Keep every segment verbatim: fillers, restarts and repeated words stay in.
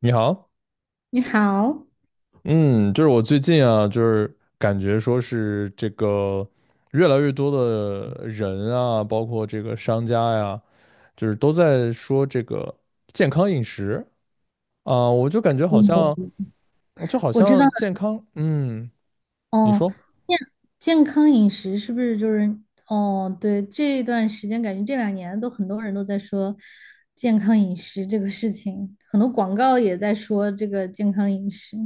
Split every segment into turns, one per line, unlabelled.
你好，
你好，
嗯，就是我最近啊，就是感觉说是这个越来越多的人啊，包括这个商家呀，就是都在说这个健康饮食啊，我就感觉好像
嗯，
就好
我知道
像
了
健康，嗯，你
哦。
说，
健健康饮食是不是就是哦？对，这段时间感觉这两年都很多人都在说健康饮食这个事情，很多广告也在说这个健康饮食。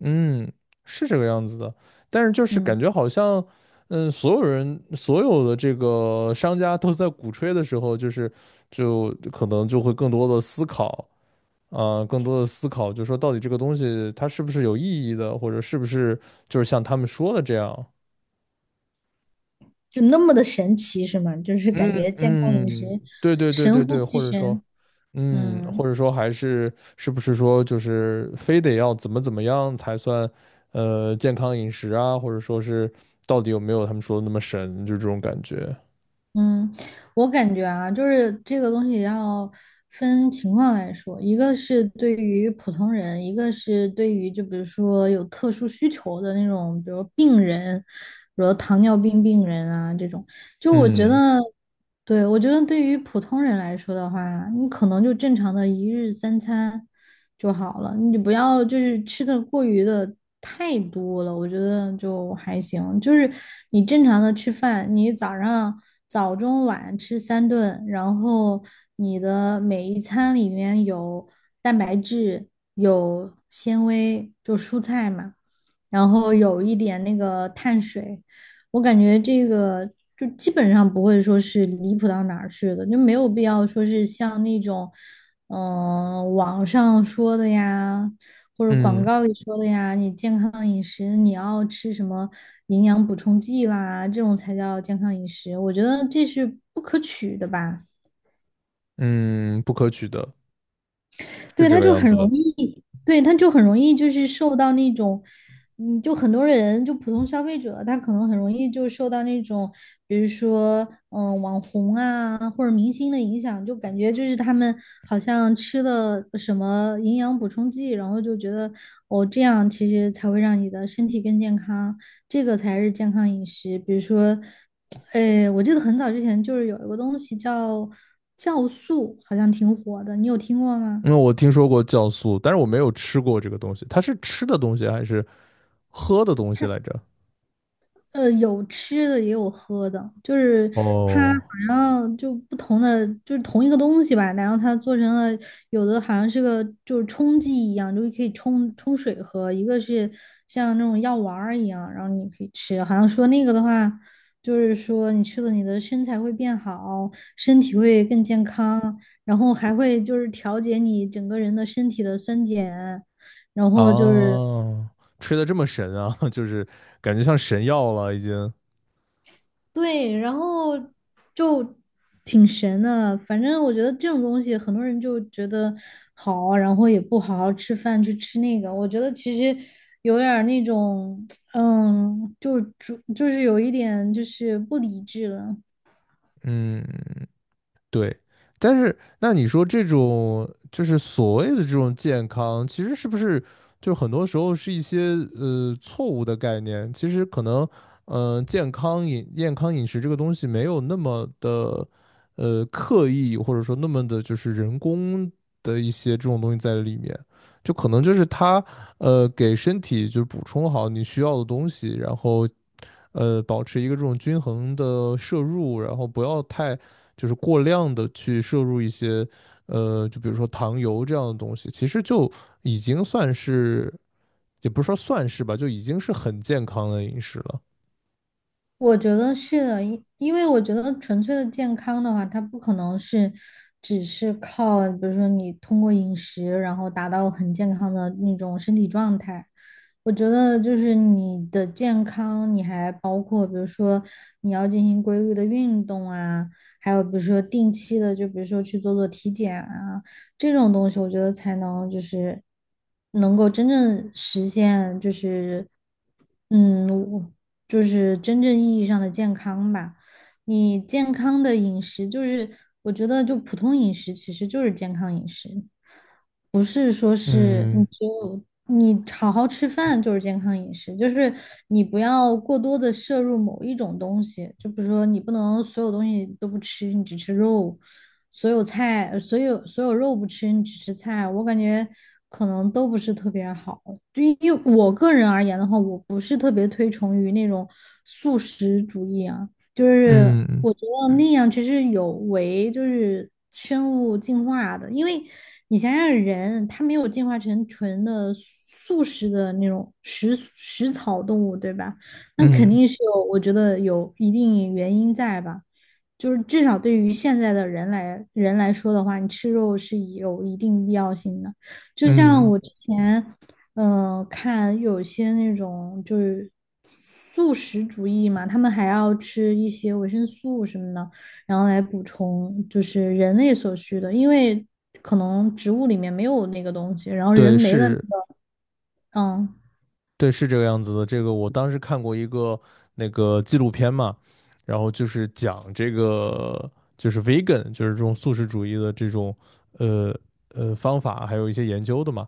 嗯，是这个样子的，但是就是
嗯，
感觉好像，嗯，所有人所有的这个商家都在鼓吹的时候，就是就可能就会更多的思考。呃，更多的思考，就是说到底这个东西它是不是有意义的，或者是不是就是像他们说的这样？
就那么的神奇是吗？就是
嗯
感觉健康饮食
嗯，对对对对
神乎
对，
其
或者说，
神。
嗯，或
嗯。
者说还是是不是说就是非得要怎么怎么样才算呃健康饮食啊，或者说是到底有没有他们说的那么神，就这种感觉。
嗯，我感觉啊，就是这个东西要分情况来说，一个是对于普通人，一个是对于就比如说有特殊需求的那种，比如病人，比如糖尿病病人啊这种，就我觉
嗯
得。对，我觉得对于普通人来说的话，你可能就正常的一日三餐就好了，你不要就是吃的过于的太多了，我觉得就还行。就是你正常的吃饭，你早上早中晚吃三顿，然后你的每一餐里面有蛋白质，有纤维，就蔬菜嘛，然后有一点那个碳水。我感觉这个就基本上不会说是离谱到哪儿去的，就没有必要说是像那种，嗯、网上说的呀，或者广
嗯。
告里说的呀，你健康饮食你要吃什么营养补充剂啦，这种才叫健康饮食，我觉得这是不可取的吧。
嗯，不可取的，是
对，
这
他
个
就
样
很
子
容
的。
易，对，他就很容易就是受到那种，嗯，就很多人就普通消费者，他可能很容易就受到那种，比如说，嗯、网红啊或者明星的影响，就感觉就是他们好像吃了什么营养补充剂，然后就觉得哦，这样其实才会让你的身体更健康，这个才是健康饮食。比如说，呃，我记得很早之前就是有一个东西叫酵素，好像挺火的，你有听过吗？
因为我听说过酵素，但是我没有吃过这个东西。它是吃的东西还是喝的东西来着？
呃，有吃的也有喝的，就是它好
哦。
像就不同的，就是同一个东西吧，然后它做成了有的好像是个就是冲剂一样，就是可以冲冲水喝，一个是像那种药丸儿一样，然后你可以吃，好像说那个的话，就是说你吃了你的身材会变好，身体会更健康，然后还会就是调节你整个人的身体的酸碱，然后就是。
啊，吹得这么神啊，就是感觉像神药了已经。
对，然后就挺神的。反正我觉得这种东西，很多人就觉得好，然后也不好好吃饭，去吃那个。我觉得其实有点儿那种，嗯，就主就是有一点就是不理智了。
嗯。对，但是那你说这种就是所谓的这种健康，其实是不是就很多时候是一些呃错误的概念？其实可能，嗯、健康饮健康饮食这个东西没有那么的呃刻意，或者说那么的就是人工的一些这种东西在里面，就可能就是它呃给身体就是补充好你需要的东西，然后呃保持一个这种均衡的摄入，然后不要太。就是过量的去摄入一些呃，就比如说糖油这样的东西，其实就已经算是，也不是说算是吧，就已经是很健康的饮食了。
我觉得是的，因因为我觉得纯粹的健康的话，它不可能是只是靠，比如说你通过饮食，然后达到很健康的那种身体状态。我觉得就是你的健康，你还包括比如说你要进行规律的运动啊，还有比如说定期的，就比如说去做做体检啊，这种东西，我觉得才能就是能够真正实现，就是嗯，我就是真正意义上的健康吧。你健康的饮食，就是我觉得就普通饮食其实就是健康饮食。不是说是你
嗯
只有你好好吃饭就是健康饮食，就是你不要过多的摄入某一种东西，就比如说你不能所有东西都不吃，你只吃肉，所有菜，呃所有所有肉不吃，你只吃菜，我感觉可能都不是特别好。对于我个人而言的话，我不是特别推崇于那种素食主义啊。就是
嗯
我觉得那样其实有违就是生物进化的，因为你想想人，他没有进化成纯的素食的那种食食草动物，对吧？那肯
嗯
定是有，我觉得有一定原因在吧。就是至少对于现在的人来人来说的话，你吃肉是有一定必要性的。就像
嗯，
我之前。嗯、呃看有些那种就是素食主义嘛，他们还要吃一些维生素什么的，然后来补充就是人类所需的，因为可能植物里面没有那个东西，然后人
对，
没了，
是，
嗯。
对，是这个样子的。这个我当时看过一个那个纪录片嘛，然后就是讲这个就是 vegan，就是这种素食主义的这种呃呃方法，还有一些研究的嘛。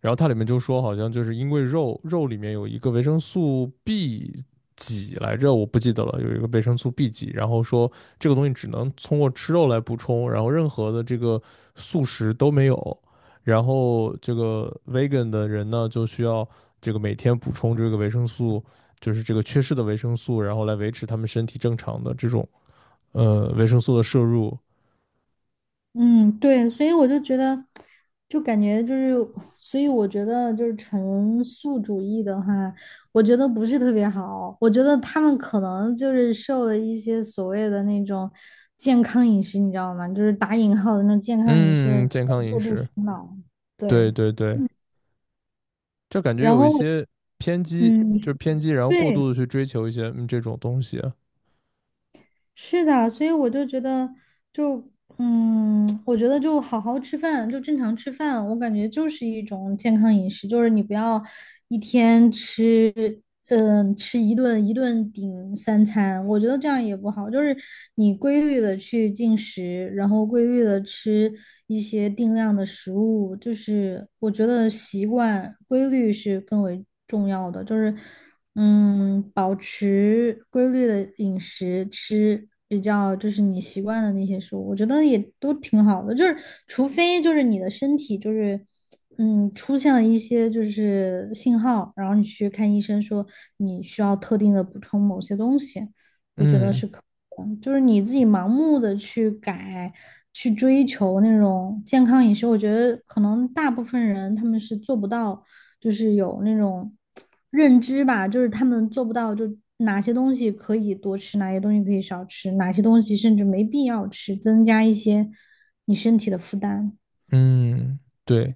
然后它里面就说，好像就是因为肉肉里面有一个维生素 B 几来着，我不记得了，有一个维生素 B 几，然后说这个东西只能通过吃肉来补充，然后任何的这个素食都没有。然后这个 vegan 的人呢，就需要这个每天补充这个维生素，就是这个缺失的维生素，然后来维持他们身体正常的这种呃维生素的摄入。
嗯，对，所以我就觉得，就感觉就是，所以我觉得就是纯素主义的话，我觉得不是特别好。我觉得他们可能就是受了一些所谓的那种健康饮食，你知道吗？就是打引号的那种健康饮食的
嗯，
人
健康
的
饮
过度
食，
洗脑。
对
对，
对对。就感觉
然
有一
后我
些偏激，
嗯，
就是偏激，然后过
对，
度的去追求一些嗯这种东西。
是的，所以我就觉得就，嗯，我觉得就好好吃饭，就正常吃饭，我感觉就是一种健康饮食，就是你不要一天吃，嗯、吃一顿一顿顶三餐，我觉得这样也不好。就是你规律的去进食，然后规律的吃一些定量的食物，就是我觉得习惯规律是更为重要的，就是。嗯，保持规律的饮食，吃比较就是你习惯的那些食物，我觉得也都挺好的。就是除非就是你的身体就是嗯出现了一些就是信号，然后你去看医生说你需要特定的补充某些东西。
嗯。
就是你自己盲目的去改、去追求那种健康饮食，我觉得可能大部分人他们是做不到，就是有那种认知吧，就是他们做不到，就哪些东西可以多吃，哪些东西可以少吃，哪些东西甚至没必要吃，增加一些你身体的负担。
嗯，对，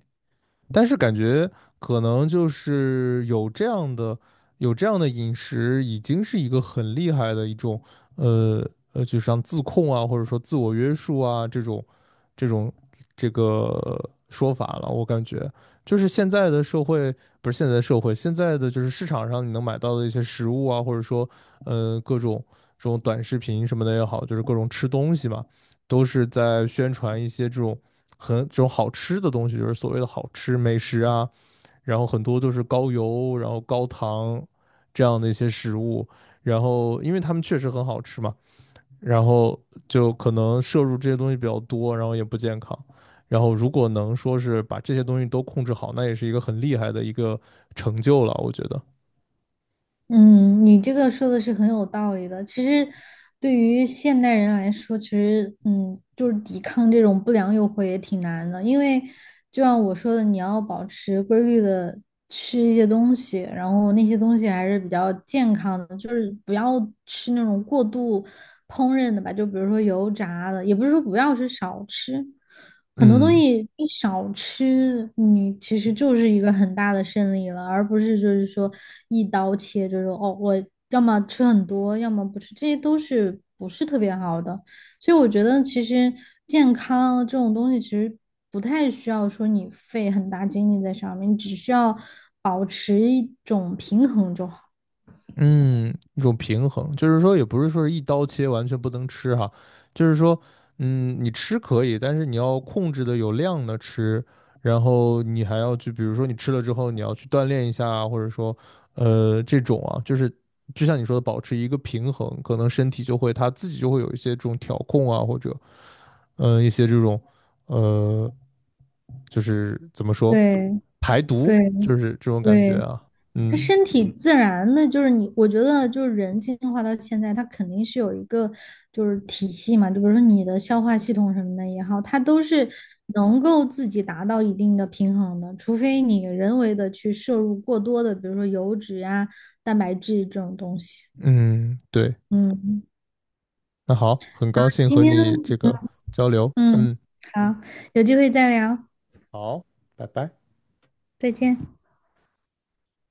但是感觉可能就是有这样的有这样的饮食，已经是一个很厉害的一种呃呃，就像自控啊，或者说自我约束啊这种这种这个说法了。我感觉就是现在的社会，不是现在的社会，现在的就是市场上你能买到的一些食物啊，或者说呃各种这种短视频什么的也好，就是各种吃东西嘛。都是在宣传一些这种很这种好吃的东西，就是所谓的好吃美食啊，然后很多都是高油，然后高糖这样的一些食物，然后因为他们确实很好吃嘛，然后就可能摄入这些东西比较多，然后也不健康。然后如果能说是把这些东西都控制好，那也是一个很厉害的一个成就了，我觉得。
嗯，你这个说的是很有道理的。其实，对于现代人来说，其实嗯，就是抵抗这种不良诱惑也挺难的，因为就像我说的，你要保持规律的吃一些东西，然后那些东西还是比较健康的，就是不要吃那种过度烹饪的吧，就比如说油炸的，也不是说不要是少吃。很多东
嗯。
西你少吃，你其实就是一个很大的胜利了，而不是就是说一刀切，就是说哦，我要么吃很多，要么不吃，这些都是不是特别好的。所以我觉得其实健康这种东西其实不太需要说你费很大精力在上面，你只需要保持一种平衡就好。
嗯，一种平衡，就是说也不是说是一刀切，完全不能吃哈，就是说，嗯，你吃可以，但是你要控制的有量的吃，然后你还要去，比如说你吃了之后，你要去锻炼一下啊，或者说，呃，这种啊，就是就像你说的，保持一个平衡，可能身体就会它自己就会有一些这种调控啊，或者，嗯、一些这种，呃，就是怎么说，
对
排毒，
对
就是这种感觉
对。
啊。
它
嗯
身体自然的，就是你，我觉得就是人进化到现在，它肯定是有一个就是体系嘛，就比如说你的消化系统什么的也好，它都是能够自己达到一定的平衡的，除非你人为的去摄入过多的，比如说油脂啊、蛋白质这种东西。
嗯，对。
嗯，
那好，很高兴
今
和
天
你这个交流，
嗯
嗯，
好，有机会再聊，
好，拜拜。
再见。